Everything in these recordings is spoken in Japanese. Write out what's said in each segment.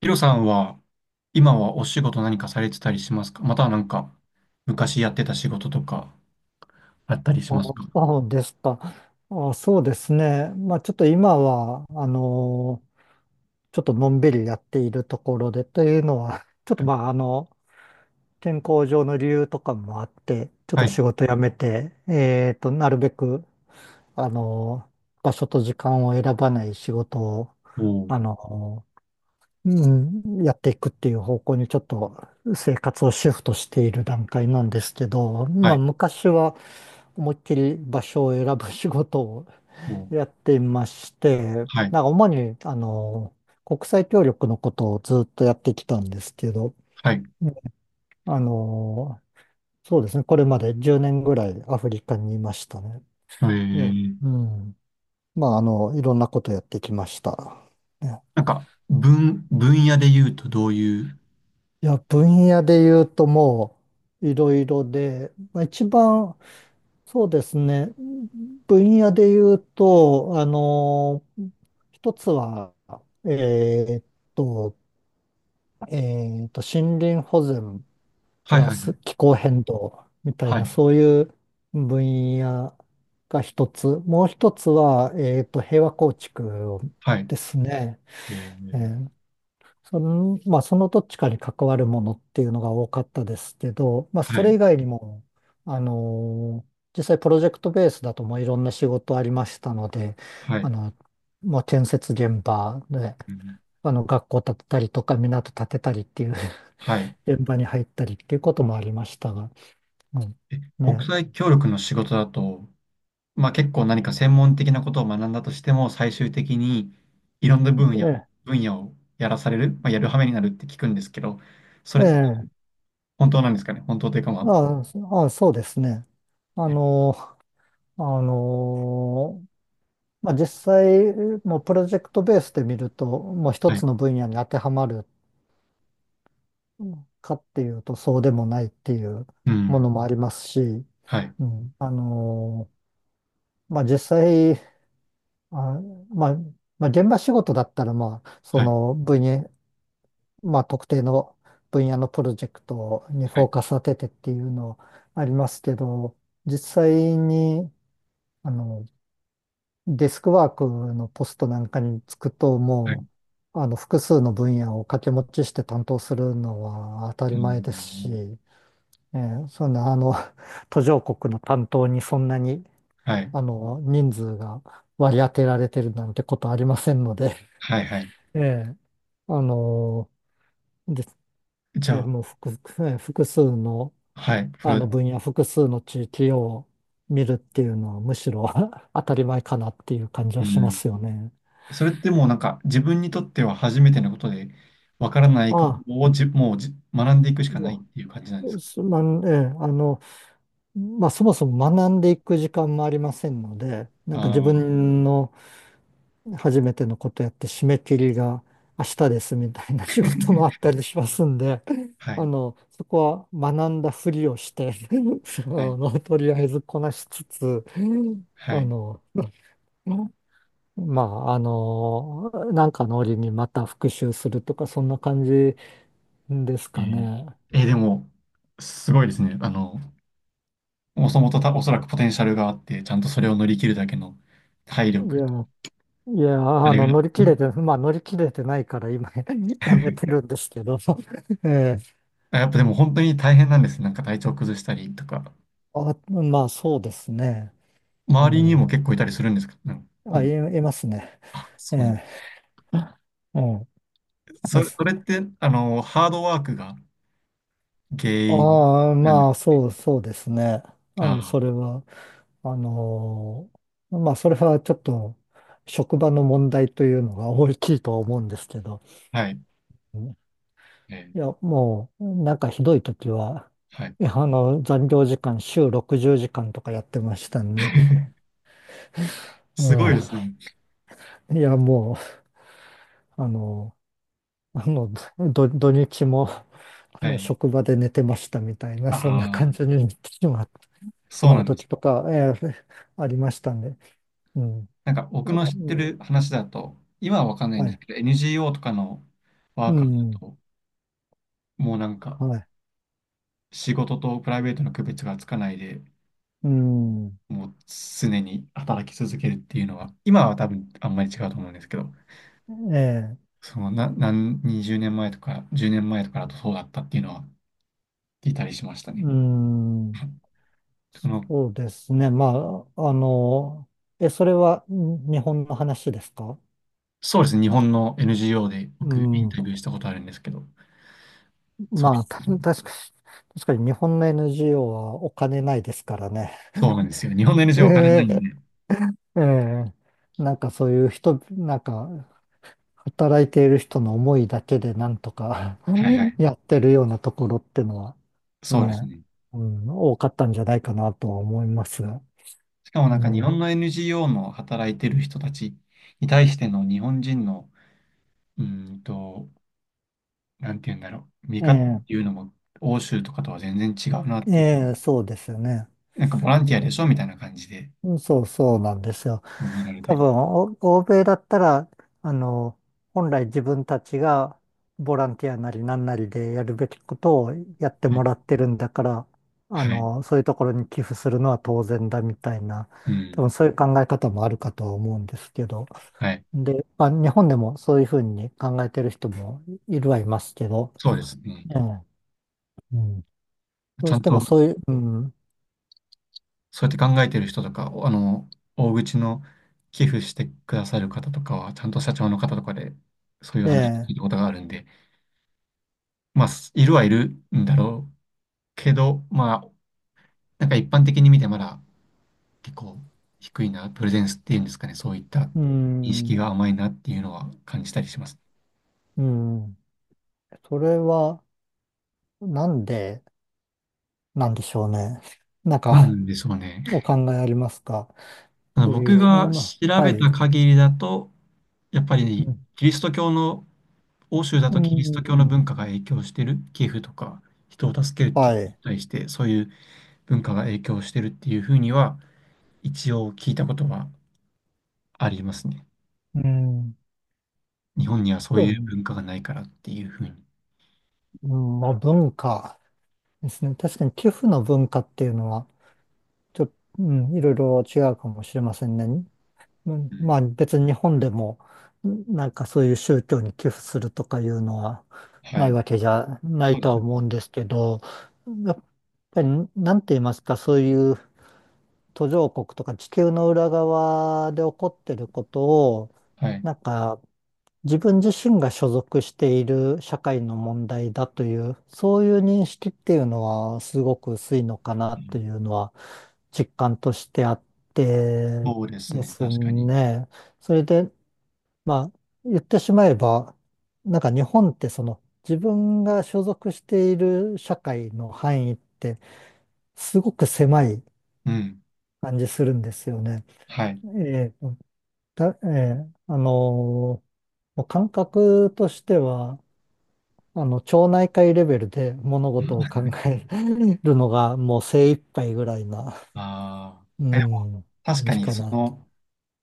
ヒロさんは、今はお仕事何かされてたりしますか？または、なんか、昔やってた仕事とか、あったりしあますか？そうですか。そうですね。まあちょっと今は、ちょっとのんびりやっているところでというのは、ちょっとまあ健康上の理由とかもあって、ちょっはとい。仕事辞めて、なるべく、あの場所と時間を選ばない仕事を、おー、あのうやっていくっていう方向にちょっと生活をシフトしている段階なんですけど、はまあい。昔は思いっきり場所を選ぶ仕事をおー、やっていまして、はい。なんか主に、国際協力のことをずっとやってきたんですけど、はい。うんあの、そうですね、これまで10年ぐらいアフリカにいましたね。えいや、ー、うん。まあ、いろんなことやってきました。ね。なんか、分野で言うとどういう？いや、分野で言うともう、いろいろで、まあ、一番、そうですね、分野で言うと、一つは、えーっと、森林保全プはいラはいはスい。気候変動みたいはな、い。そういう分野が一つ。もう一つは、平和構築をはい。ですね。ええー、ーまあ、そのどっちかに関わるものっていうのが多かったですけど、まあ、そはれい。以外にも、あのー実際プロジェクトベースだともういろんな仕事ありましたので、はあい。の、もう建設現場で、うん。学校建てたりとか、港建てたりっていうはい。現場に入ったりっていうこともありましたが、うん、え、ね国際協力の仕事だと、まあ、結構何か専門的なことを学んだとしても、最終的にいろんな分野、え、分野をやらされる、まあ、やる羽目になるって聞くんですけど、そえれえ、ええ、本当なんですかね。本当というか、まあ。ああ、そうですね。あの、あの、まあ、実際、もうプロジェクトベースで見ると、もう一はい。つの分野に当てはまるかっていうと、そうでもないっていううもん。のもありますし、はい。うん、あの、まあ、実際、あ、まあ、まあ、現場仕事だったら、まあ、そはい。の分野、まあ、特定の分野のプロジェクトにはフォーい。カス当ててっていうのありますけど、実際に、あの、デスクワークのポストなんかにつくと、はい。もう、複数の分野を掛け持ちして担当するのは当たうり前ですん。し、そんな、途上国の担当にそんなに、はい。人数が割り当てられてるなんてことありませんので、はい。はい。ええ。あの、で、じえゃーあ、もう複、えー複数のはい。それ、分野、複数の地域を見るっていうのはむしろ 当たり前かなっていう感じうはしまん。すよね。それってもうなんか自分にとっては初めてのことで、わからないことああ、をじ、もうじ、学んでいくしかまないっていう感じなんですあか？すまん、ええ、あの、まあそもそも学んでいく時間もありませんので、なんか自ああ分の初めてのことやって締め切りが明日ですみたいな仕事もあったりしますんで、ー、はい。そこは学んだふりをして はい。とりあえずこなしつつ、はあい。の、まあ、なんかの折にまた復習するとか、そんな感じですえかーね。でも、すごいですね。もともとおそらくポテンシャルがあって、ちゃんとそれを乗り切るだけの体い力や、と、いや、あれが、乗りう切れん。て、まあ、乗り切れてないから今 やめてるんですけど。ええ。あ、やっぱでも本当に大変なんですね。なんか体調崩したりとか、まあ、そうですね。う周りにもん。結構いたりするんですか？うん。うあ、い、ん。いますね。あ、えそうなん。え。うん。そでれ、それっす。て、ハードワークが原因なんで？まあ、そうですね。ああの、それは、あのーまあ、それはちょっと、職場の問題というのが大きいとは思うんですけど、あ、はい。うんえいや、ー、もう、なんかひどい時は、はい。いや、残業時間、週60時間とかやってましたね。 うすごいですね。いや、もう、あの、土日も、はい。職場で寝てましたみたいな、あそんな感じあ、になってしまう、しそうまなうんで時す。とか、ありましたんで、うん。なんかい僕やっ。の知っうてん。る話だと、今はわかんないんはですい。けど、NGO とかのワうーカーだん。と、もうなんかはい。仕事とプライベートの区別がつかないで、うん。もう常に働き続けるっていうのは、今は多分あんまり違うと思うんですけど、ええ。そのな、何、20年前とか10年前とかだとそうだったっていうのは聞いたりしましたうね。ん。その、そうですね。まあ、それは日本の話ですか？そうですね、日本の NGO でう僕インん。タビューしたことあるんですけど、そうまあ、たい確う、かに、確かに日本の NGO はお金ないですからね。そうなんですよ。日本の NGO お金なえいんえ、で、ええ。なんかそういう人、なんか、働いている人の思いだけでなんとか はいはい。やってるようなところってのは、そうですね、ね。うん、多かったんじゃないかなとは思いますが。しかもなうんか日ん。本の NGO の働いてる人たちに対しての日本人の、うーんと、なんて言うんだろう、見方っえてえ、いうのも欧州とかとは全然違うなっていう、ええ、そうですよね。なんかボランティアでしょみたいな感じでうん、そうそうなんですよ。もう見られた多り。分、欧米だったら、あの、本来自分たちがボランティアなりなんなりでやるべきことをやってはもい。らってるんだから、はい。そういうところに寄付するのは当然だみたいな、う多ん。分そういう考え方もあるかとは思うんですけど。はい。で、まあ、日本でもそういうふうに考えてる人もいるはいますけど、そうですね。ええ。うん。どちうゃしんてともそういう、うん、そうやって考えてる人とか、おあの、大口の寄付してくださる方とかは、ちゃんと社長の方とかで、そういうえ話を聞え、いたことがあるんで、まあ、すいるはいるんだろうけど、まあ、なんか一般的に見てまだ結構低いな、プレゼンスっていうんですかね、そういったう認識ん、が甘いなっていうのは感じたりします。うん、それはなんで、なんでしょうね。なんなか、んでしょうね。お考えありますか？とい僕うか、がま調あ、はべたい。限りだと、やっぱうりん。キリスト教の、欧州だうとキリスト教のん、文化が影響してる、寄付とか人を助けるっていはうのにい。対して、そういう文化が影響してるっていうふうには、一応聞いたことはありますね。うん。日本にはそうういうん、文化がないからっていうふうに。うん、まあ、文化ですね。確かに寄付の文化っていうのは、ちょっと、うん、いろいろ違うかもしれませんね。ううんん。まあ、別に日本でも、うんなんかそういう宗教に寄付するとかいうのははないい。わけじゃないそうでとすはよ思ね。うんですけど、やっぱり、なんて言いますか、そういう途上国とか地球の裏側で起こってることを、はい。なんか自分自身が所属している社会の問題だという、そういう認識っていうのはすごく薄いのかなというのは実感としてあってそうですでね。す確かに。ね。それで、まあ、言ってしまえば、なんか日本ってその自分が所属している社会の範囲ってすごく狭いうん。感じするんですよね。はい。ええ。た、えーあのーもう感覚としては、町内会レベルで物事を考 えるのがもう精一杯ぐらいな、あうあ。え、でもん、確感かじにかそな。の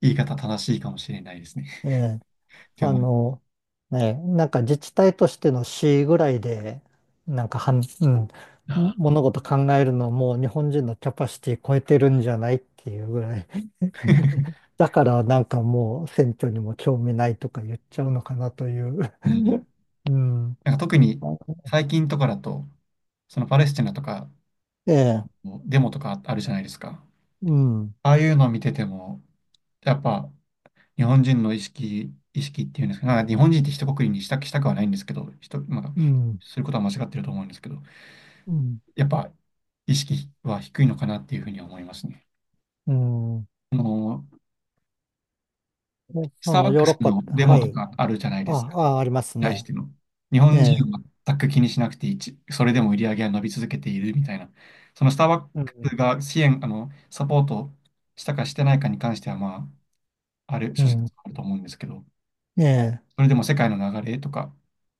言い方正しいかもしれないですね。ええ。 ってあ思いの、ね、なんか自治体としての市ぐらいで、なんかうん、あー 物事考えるのもう日本人のキャパシティ超えてるんじゃないっていうぐらい。だからなんかもう選挙にも興味ないとか言っちゃうのかなという。うん。うん。なんか特に最近とかだと、そのパレスチナとかええ、のデモとかあるじゃないですか。うん、ああいうのを見てても、やっぱ日本人の意識っていうんですか、なんか日本人って一括りにしたくはないんですけど、まあ、うん、することは間違ってると思うんですけど、うん、やっぱ意識は低いのかなっていうふうには思いますね。うん。あの、でスそターバのッヨクーロスッパっのて、デはモとい。かあるじゃないですか。あります対しね。ての。日え本え、人は全く気にしなくていい。それでも売り上げは伸び続けているみたいな。そのスターバッうクん、スが支援、あの、サポートしたかしてないかに関しては、まあ、あるう諸ん、説あると思うんですけど、ええ、それでも世界の流れとか、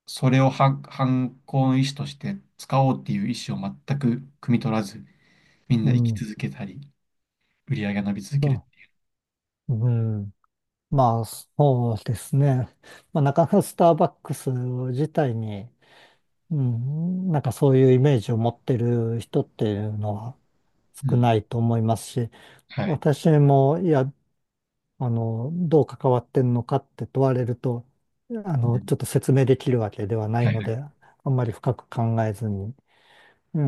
それを反抗の意思として使おうっていう意思を全く汲み取らず、みんうな生きん、続けたり、売り上げが伸び続けあ、る。うん。まあ、そうですね。まあ、なかなかスターバックス自体に、うん、なんかそういうイメージを持ってる人っていうのはう少ん。ないと思いますし、はい。私も、いや、どう関わってんのかって問われると、うん。ちょっと説明できるわけではないはいのはい。で、あんまり深く考えずに、う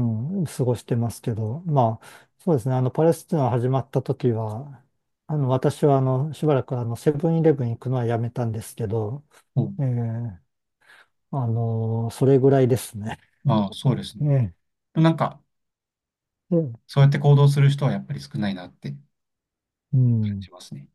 ん、過ごしてますけど、まあ、そうですね、パレスチナ始まった時は、私は、しばらく、セブンイレブン行くのはやめたんですけど、お、えーそれぐらいですね。ああ、そうですね。ええ。なんか、そうやって行動する人はやっぱり少ないなって感うん。じますね。